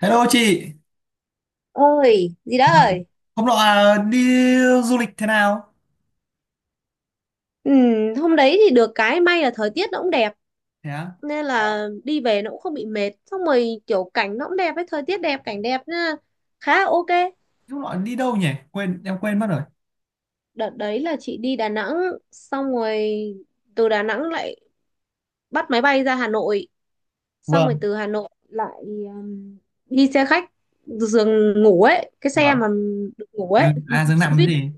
Hello chị. Ơi gì đó Vâng. ơi. Hôm nọ à, đi du lịch thế nào? Ừ, hôm đấy thì được cái may là thời tiết nó cũng đẹp Thế á. nên là đi về nó cũng không bị mệt, xong rồi kiểu cảnh nó cũng đẹp ấy, thời tiết đẹp cảnh đẹp nên là khá là ok. Hôm nọ đi đâu nhỉ? Em quên mất rồi. Đợt đấy là chị đi Đà Nẵng, xong rồi từ Đà Nẵng lại bắt máy bay ra Hà Nội, xong rồi Vâng. từ Hà Nội lại um, đi xe khách giường ngủ ấy, cái xe Vâng. mà được ngủ ấy, Dương, à, Dương xe nằm buýt cái gì?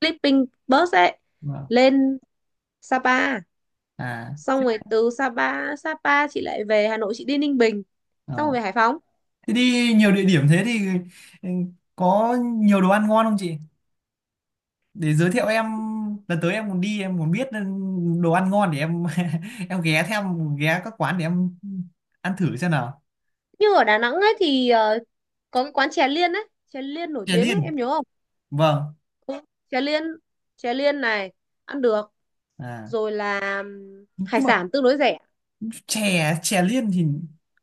sleeping bus ấy, Vâng. lên Sapa. À, Xong rồi từ Sapa Sapa chị lại về Hà Nội, chị đi Ninh Bình, xong rồi ờ. về Hải Phòng. Thế đi nhiều địa điểm thế thì, ừ, có nhiều đồ ăn ngon không chị? Để giới thiệu em, lần tới em muốn đi, em muốn biết, đồ ăn ngon để em em ghé theo, ghé các quán để em ăn thử xem nào. Nhưng ở Đà Nẵng ấy thì có cái quán chè Liên ấy, chè Liên nổi Chè tiếng ấy, điên. em nhớ không? Vâng. Ừ, chè Liên, chè Liên này ăn được, À, rồi là hải nhưng mà sản tương đối rẻ. chè chè liên thì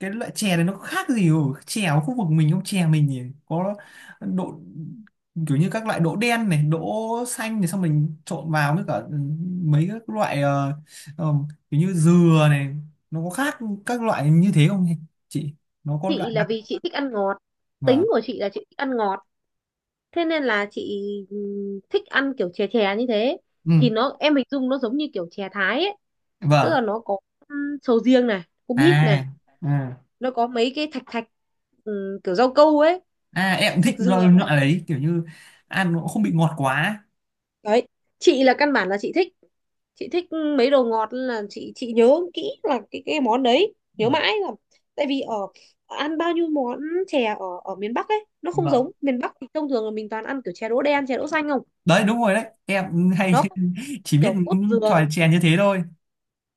cái loại chè này nó có khác gì ở chè ở khu vực mình không? Chè mình thì có độ, kiểu như các loại đỗ đen này, đỗ xanh này, xong mình trộn vào với cả, mấy các loại, ờ, kiểu như dừa này. Nó có khác các loại như thế không chị? Nó có loại Chị là đặc. vì chị thích ăn ngọt, tính Vâng. của chị là chị thích ăn ngọt, thế nên là chị thích ăn kiểu chè chè như thế, thì Ừ. nó em hình dung nó giống như kiểu chè Thái ấy, tức Vâng. là nó có sầu riêng này, có mít này, À. Ừ. nó có mấy cái thạch thạch, ừ, kiểu rau câu ấy, À, em cũng thích thạch loại, dừa ấy. loại đấy kiểu như ăn nó cũng không bị ngọt quá. Đấy, chị là căn bản là chị thích, chị thích mấy đồ ngọt nên là chị nhớ kỹ là cái món đấy, nhớ Vâng. mãi là tại vì ở ăn bao nhiêu món chè ở ở miền Bắc ấy nó không giống, Vâng, miền Bắc thì thông thường là mình toàn ăn kiểu chè đỗ đen chè đỗ xanh không, đấy đúng rồi đấy, em hay nó không chỉ biết kiểu cốt những dừa, trò chè như thế thôi.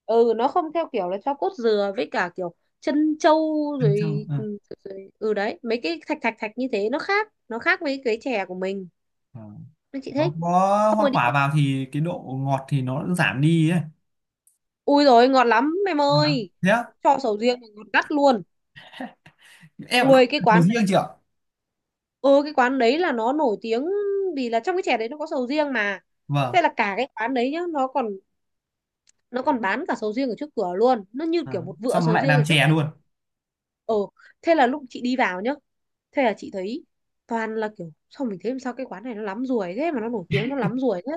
ừ, nó không theo kiểu là cho cốt dừa với cả kiểu chân trâu Ăn châu à. Rồi ừ đấy mấy cái thạch thạch thạch như thế, nó khác, nó khác với cái chè của mình À. nên chị Nó thích. có Xong hoa rồi quả đi. vào thì cái độ ngọt thì nó giảm đi ấy. Ui rồi ngọt lắm em Ngon lắm, ơi, thế á? cho sầu riêng mà ngọt gắt luôn. Em lại không Ui cái làm sầu quán đấy, riêng chị ạ. ừ cái quán đấy là nó nổi tiếng vì là trong cái chè đấy nó có sầu riêng mà. Vâng. Thế là cả cái quán đấy nhá, nó còn, nó còn bán cả sầu riêng ở trước cửa luôn, nó như À, kiểu một vựa xong nó sầu lại riêng làm ở trước chè cửa. luôn. Ừ, thế là lúc chị đi vào nhá, thế là chị thấy toàn là kiểu, sao mình thấy làm sao cái quán này nó lắm ruồi thế mà nó nổi tiếng, nó lắm ruồi thế.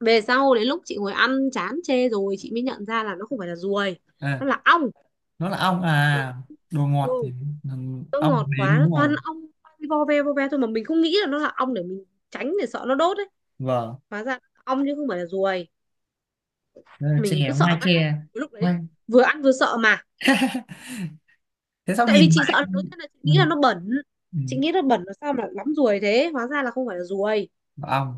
Về sau đến lúc chị ngồi ăn chán chê rồi chị mới nhận ra là nó không phải là ruồi, nó À. là ong. Nó là ong à? Đồ ngọt thì Ừ. là Nó ong ngọt đến, quá nó đúng toàn rồi. ong, vo ve thôi mà mình không nghĩ là nó là ong để mình tránh, để sợ nó đốt ấy. Vâng. Hóa ra là ong chứ không phải là ruồi, Đó là chè mình cứ sợ ngoài, mãi chè lúc ngoài. đấy, vừa ăn vừa sợ mà. Thế sao Tại vì nhìn chị mãi. sợ đầu tiên là chị Ừ. nghĩ là nó bẩn, Ừ. chị nghĩ nó bẩn là sao mà lắm ruồi thế, hóa ra là không phải là ruồi. Ong,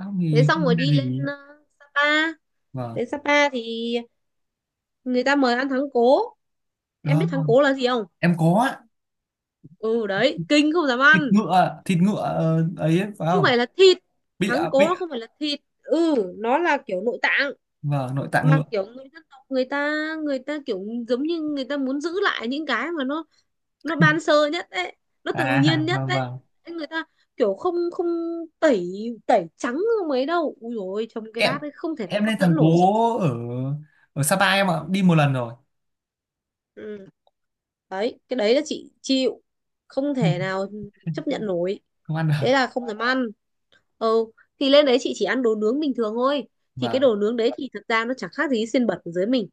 ong Thế thì xong rồi không ra đi lên gì. Sapa. Vâng. Đến Sapa thì người ta mời ăn thắng cố, em biết Đó thắng cố là gì không? em có. Ừ đấy, kinh, không dám Thịt ăn. ngựa, thịt ngựa, ấy, ấy phải Không không? phải là thịt, Bịa thắng cố bịa. nó không phải là thịt, ừ, nó là kiểu nội tạng Vâng, nội tạng mà ngựa kiểu người dân tộc người ta, người ta kiểu giống như người ta muốn giữ lại những cái mà nó ban sơ nhất đấy, nó tự à. nhiên nhất Vâng. đấy. Vâng. Thế người ta kiểu không không tẩy, tẩy trắng không mấy đâu, ui dồi ôi trông cái em bát ấy không thể nào em hấp lên thằng dẫn nổi chị. cố ở ở Sapa em ạ, đi một lần rồi. Ừ. Đấy, cái đấy là chị chịu, không thể nào chấp nhận nổi, Không ăn được. thế là không dám ăn. Ừ, thì lên đấy chị chỉ ăn đồ nướng bình thường thôi, thì cái Vâng. đồ nướng đấy thì thật ra nó chẳng khác gì xiên bẩn ở dưới mình,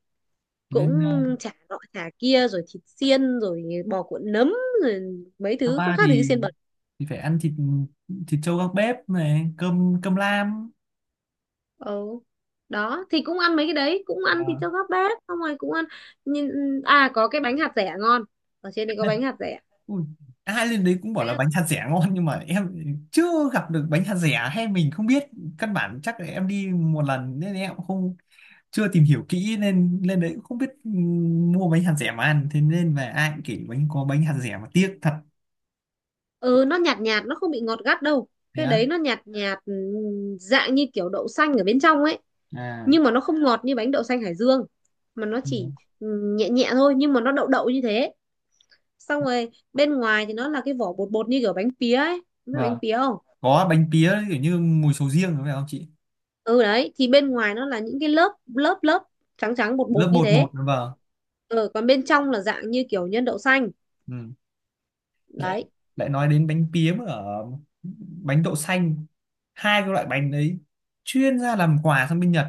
cũng Lên, chả nọ chả kia rồi thịt xiên rồi bò cuộn nấm rồi mấy thứ không Sapa khác gì thì xiên bẩn. thì phải ăn thịt thịt trâu gác bếp này, cơm cơm lam. Ừ, đó thì cũng ăn mấy cái đấy, cũng ăn thịt cho Vâng. các bếp xong rồi cũng ăn, nhìn, à có cái bánh hạt dẻ ngon, ở trên đây có bánh hạt dẻ. Ui, ai lên đấy cũng bảo là bánh hạt dẻ ngon nhưng mà em chưa gặp được bánh hạt dẻ, hay mình không biết, căn bản chắc là em đi một lần nên em cũng không, chưa tìm hiểu kỹ nên lên đấy cũng không biết, mua bánh hạt dẻ mà ăn, thế nên về ai cũng kể bánh có bánh hạt dẻ mà tiếc thật. Ừ nó nhạt nhạt, nó không bị ngọt gắt đâu, Thế cái á? đấy nó nhạt nhạt, dạng như kiểu đậu xanh ở bên trong ấy, À. nhưng mà nó không ngọt như bánh đậu xanh Hải Dương, mà nó Ừ. chỉ nhẹ nhẹ thôi, nhưng mà nó đậu đậu như thế. Xong rồi bên ngoài thì nó là cái vỏ bột bột như kiểu bánh pía ấy, biết Vâng, bánh pía không? có bánh pía kiểu như mùi sầu riêng phải không chị? Ừ đấy, thì bên ngoài nó là những cái lớp lớp lớp trắng trắng bột Lớp bột như bột bột, thế. vâng. Ừ, còn bên trong là dạng như kiểu nhân đậu xanh. Ừ. lại Đấy. lại nói đến bánh pía mà ở, bánh đậu xanh, hai cái loại bánh đấy chuyên ra làm quà sang bên Nhật.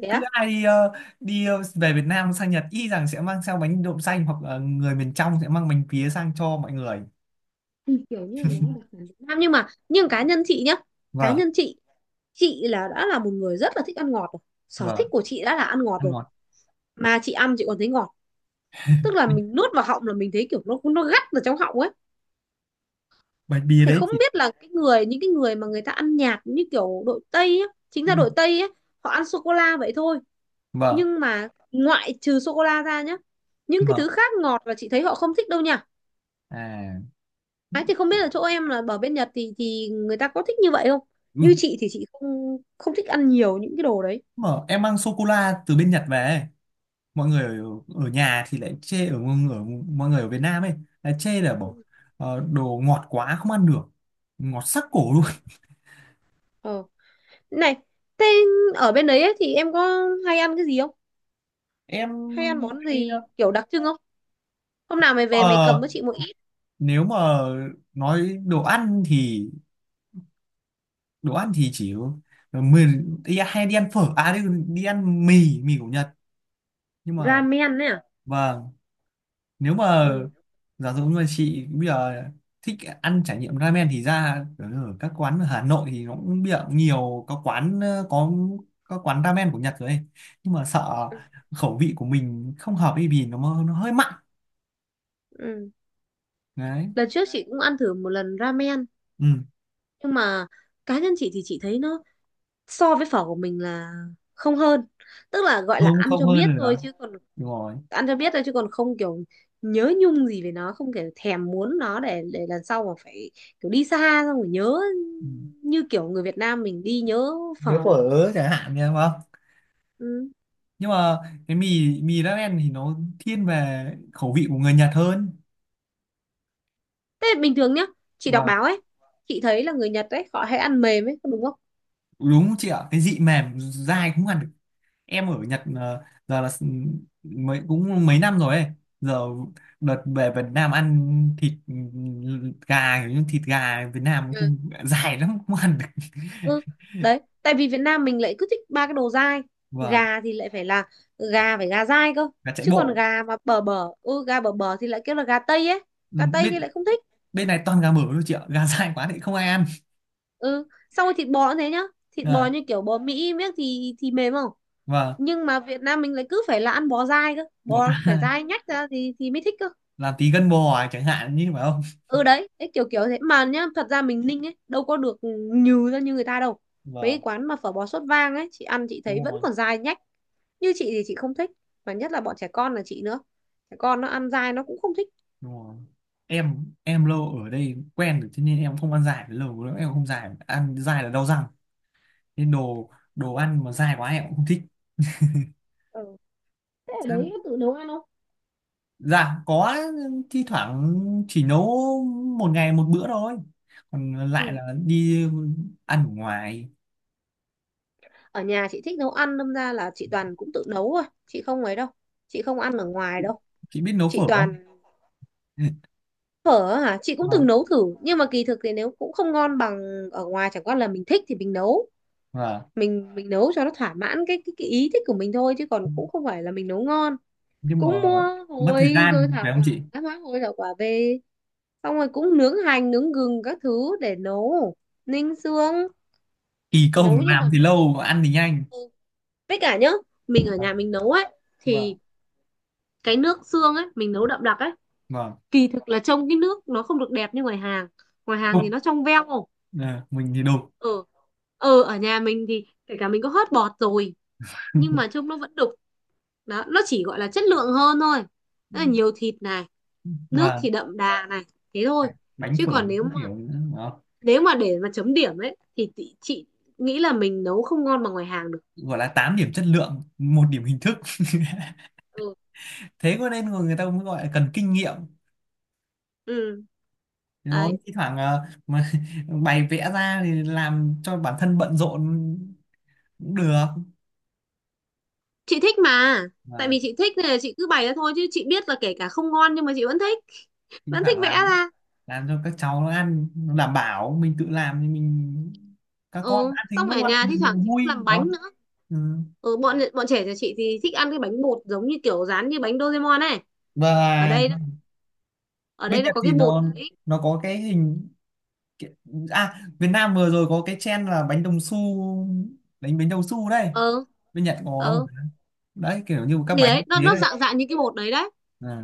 Thế Cứ á. ai đi về Việt Nam sang Nhật y rằng sẽ mang theo bánh đậu xanh hoặc là người miền trong sẽ mang bánh pía sang cho mọi người. Ừ, kiểu như là nó là đặc sản Việt Nam nhưng mà, nhưng cá nhân chị nhá, cá Vâng. nhân chị là đã là một người rất là thích ăn ngọt rồi, sở thích Vâng, của chị đã là ăn ngọt ăn rồi ngon. mà chị ăn chị còn thấy ngọt, tức là mình nuốt vào họng là mình thấy kiểu nó gắt vào trong họng ấy. Bạch bia Thì đấy không chị. biết là cái người, những cái người mà người ta ăn nhạt như kiểu đội Tây á, chính Ừ. ra đội Tây á họ ăn sô cô la vậy thôi, Vâng. nhưng mà ngoại trừ sô cô la ra nhá, những cái Vâng. thứ khác ngọt là chị thấy họ không thích đâu nha. À. Ấy thì không biết là chỗ em là ở bên Nhật thì người ta có thích như vậy không, Ừ. như chị thì chị không không thích ăn nhiều những cái đồ đấy. Mà em mang sô cô la từ bên Nhật về ấy, mọi người ở nhà thì lại chê ở mọi người ở Việt Nam ấy, là chê là Ừ. bỏ, đồ ngọt quá không ăn được, ngọt sắc cổ Ừ. luôn. Ờ. Này, thế ở bên đấy ấy, thì em có hay ăn cái gì không? Hay ăn Em món hay, gì kiểu đặc trưng không? Hôm nào mày về mày cầm ờ, với chị một ít. nếu mà nói đồ ăn thì chỉ mình đi, hay đi ăn phở à, đi ăn mì mì của Nhật, nhưng mà, Ramen ấy à? vâng, nếu mà Ừ. giả dụ như mà chị bây giờ thích ăn trải nghiệm ramen thì ra ở ở các quán ở Hà Nội thì nó cũng bây giờ cũng nhiều, có quán, có quán ramen của Nhật rồi ấy. Nhưng mà sợ Ừ. khẩu vị của mình không hợp ấy vì nó hơi mặn. Ừ. Đấy. Lần trước chị cũng ăn thử một lần ramen, Ừ. nhưng mà cá nhân chị thì chị thấy nó so với phở của mình là không hơn. Tức là gọi là Không, ăn không cho hơn biết rồi thôi đó, chứ còn đúng rồi. ăn cho biết thôi chứ còn không kiểu nhớ nhung gì về nó, không kiểu thèm muốn nó để lần sau mà phải kiểu đi xa xong rồi nhớ Ừ. như kiểu người Việt Nam mình đi nhớ. Phở Nếu phở được. ớ chẳng hạn, nha, đúng không? Ừ. Nhưng mà cái mì mì ramen thì nó thiên về khẩu vị của người Nhật hơn. Thế bình thường nhá, chị đọc Và báo ấy, chị thấy là người Nhật ấy, họ hay ăn mềm ấy, có đúng không? đúng không chị ạ, cái vị mềm dai cũng ăn. Em ở Nhật, giờ là mới cũng mấy năm rồi ấy, giờ đợt về Việt Nam ăn thịt, gà, kiểu như thịt gà Việt Nam Ừ. cũng dài lắm không ăn được Ừ, đấy, tại vì Việt Nam mình lại cứ thích ba cái đồ dai. và Gà thì lại phải là gà, phải gà dai cơ. gà chạy Chứ còn bộ. gà mà bở bở, ừ, gà bở bở thì lại kêu là gà Tây ấy. Ừ, Gà Tây thì bên lại không thích. bên này toàn gà mở thôi chị ạ, gà dài quá thì không ai ăn. Ừ, xong rồi thịt bò cũng thế nhá. Thịt bò À. như kiểu bò Mỹ miếng thì mềm không? Và Nhưng mà Việt Nam mình lại cứ phải là ăn bò dai cơ. bỏ ta Bò phải dai nhách ra thì mới thích cơ. làm tí gân bò à, chẳng hạn như phải không? Ừ đấy đấy, kiểu kiểu thế mà nhá, thật ra mình Ninh ấy đâu có được nhừ ra như người ta đâu, mấy cái Vâng, quán mà phở bò sốt vang ấy chị ăn chị thấy đúng vẫn rồi, còn dai nhách. Như chị thì chị không thích, mà nhất là bọn trẻ con là chị nữa, trẻ con nó ăn dai nó cũng không thích. đúng rồi. Em lâu ở đây quen rồi cho nên em không ăn dài lâu lắm, em không dài, ăn dài là đau răng, nên đồ đồ ăn mà dai quá em cũng không thích. Ừ. Thế ở đấy Ăn- có tự nấu ăn không? dạ có, thi thoảng, chỉ nấu một ngày một bữa thôi, còn lại Ừ. là đi ăn ở ngoài. Ở nhà chị thích nấu ăn, đâm ra là chị toàn cũng tự nấu thôi, chị không ấy đâu, chị không ăn ở ngoài đâu, Chị biết nấu chị phở không? toàn. Ừ. Phở á hả, chị cũng từng Vâng. nấu thử nhưng mà kỳ thực thì nếu cũng không ngon bằng ở ngoài, chẳng qua là mình thích thì mình nấu, Vâng, mình nấu cho nó thỏa mãn cái cái ý thích của mình thôi, chứ còn cũng không phải là mình nấu ngon. nhưng mà Cũng mua mất thời hồi rồi gian thảo phải không quả, chị? má hồi thảo quả về, xong rồi cũng nướng hành nướng gừng các thứ để nấu, ninh xương Kỳ công nấu nhưng làm mà. thì lâu, ăn thì nhanh. Ừ. Với cả nhá, mình ở Vâng. nhà mình nấu ấy Vâng. thì cái nước xương ấy mình nấu đậm đặc ấy, Vâng. kỳ thực là trông cái nước nó không được đẹp như ngoài hàng. Ngoài hàng thì Không, nó trong veo. ờ, mình thì đồ Ừ. Ừ ở nhà mình thì kể cả mình có hớt bọt rồi nhưng mà trông nó vẫn đục. Đó, nó chỉ gọi là chất lượng hơn thôi. Tức là nhiều thịt này, nước và thì đậm đà này, thế thôi. bánh Chứ phở còn nếu các mà, kiểu nữa đúng không? nếu mà để mà chấm điểm ấy thì chị nghĩ là mình nấu không ngon bằng ngoài hàng được. Gọi là 8 điểm chất lượng, một điểm hình thức Ừ. thế có nên người người ta mới gọi là cần kinh nghiệm. Ừ Rồi đấy, thi thoảng, mà bày vẽ ra thì làm cho bản thân bận rộn cũng được. chị thích mà, tại Và vì chị thích nên là chị cứ bày ra thôi, chứ chị biết là kể cả không ngon nhưng mà chị vẫn thích, thi vẫn thích thoảng vẽ làm ra. làm cho các cháu nó ăn, nó đảm bảo mình tự làm thì mình, các con Ừ, ăn thấy xong rồi ở ngon nhà thi thoảng mình chị vui, cũng làm đúng bánh không? nữa. Ừ. Ừ, bọn bọn trẻ nhà chị thì thích ăn cái bánh bột giống như kiểu dán như bánh Doraemon này, ở Và đây nó-, ở bên đây nó Nhật có thì cái bột nó đấy. nó có cái hình, cái- à, Việt Nam vừa rồi có cái trend là bánh đồng xu, đánh bánh đồng xu đây, Ờ. bên Nhật có không? Ờ. Đấy kiểu như các Thì bánh đấy, nó như thế nó đây. dạng dạng như cái bột đấy đấy,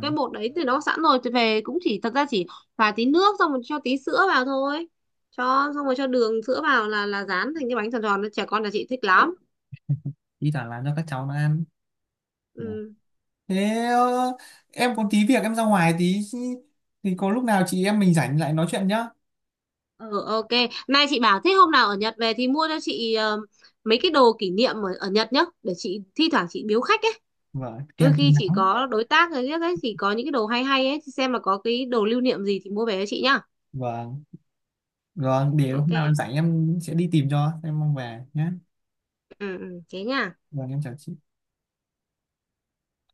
cái bột đấy thì nó sẵn rồi thì về cũng chỉ thật ra chỉ pha tí nước xong rồi cho tí sữa vào thôi, cho xong rồi cho đường sữa vào là dán thành cái bánh tròn tròn, trẻ con là chị thích lắm. Thi thoảng làm cho các cháu nó ăn. Ừ. Ừ. Thế, em có tí việc, em ra ngoài tí thì có lúc nào chị em mình rảnh lại nói chuyện nhá. Ừ ok. Nay chị bảo thế, hôm nào ở Nhật về thì mua cho chị mấy cái đồ kỷ niệm ở Nhật nhá, để chị thi thoảng chị biếu khách ấy, Vâng, đôi kèm khi chống chị nắng. có đối tác rồi nhất ấy thì có những cái đồ hay hay ấy thì xem là có cái đồ lưu niệm gì thì mua về cho chị nhá. Vâng, rồi để hôm nào em Ok. rảnh em sẽ đi tìm cho, em mong về nhé. Ừ, ừ, thế nha. Vâng, em chào chị.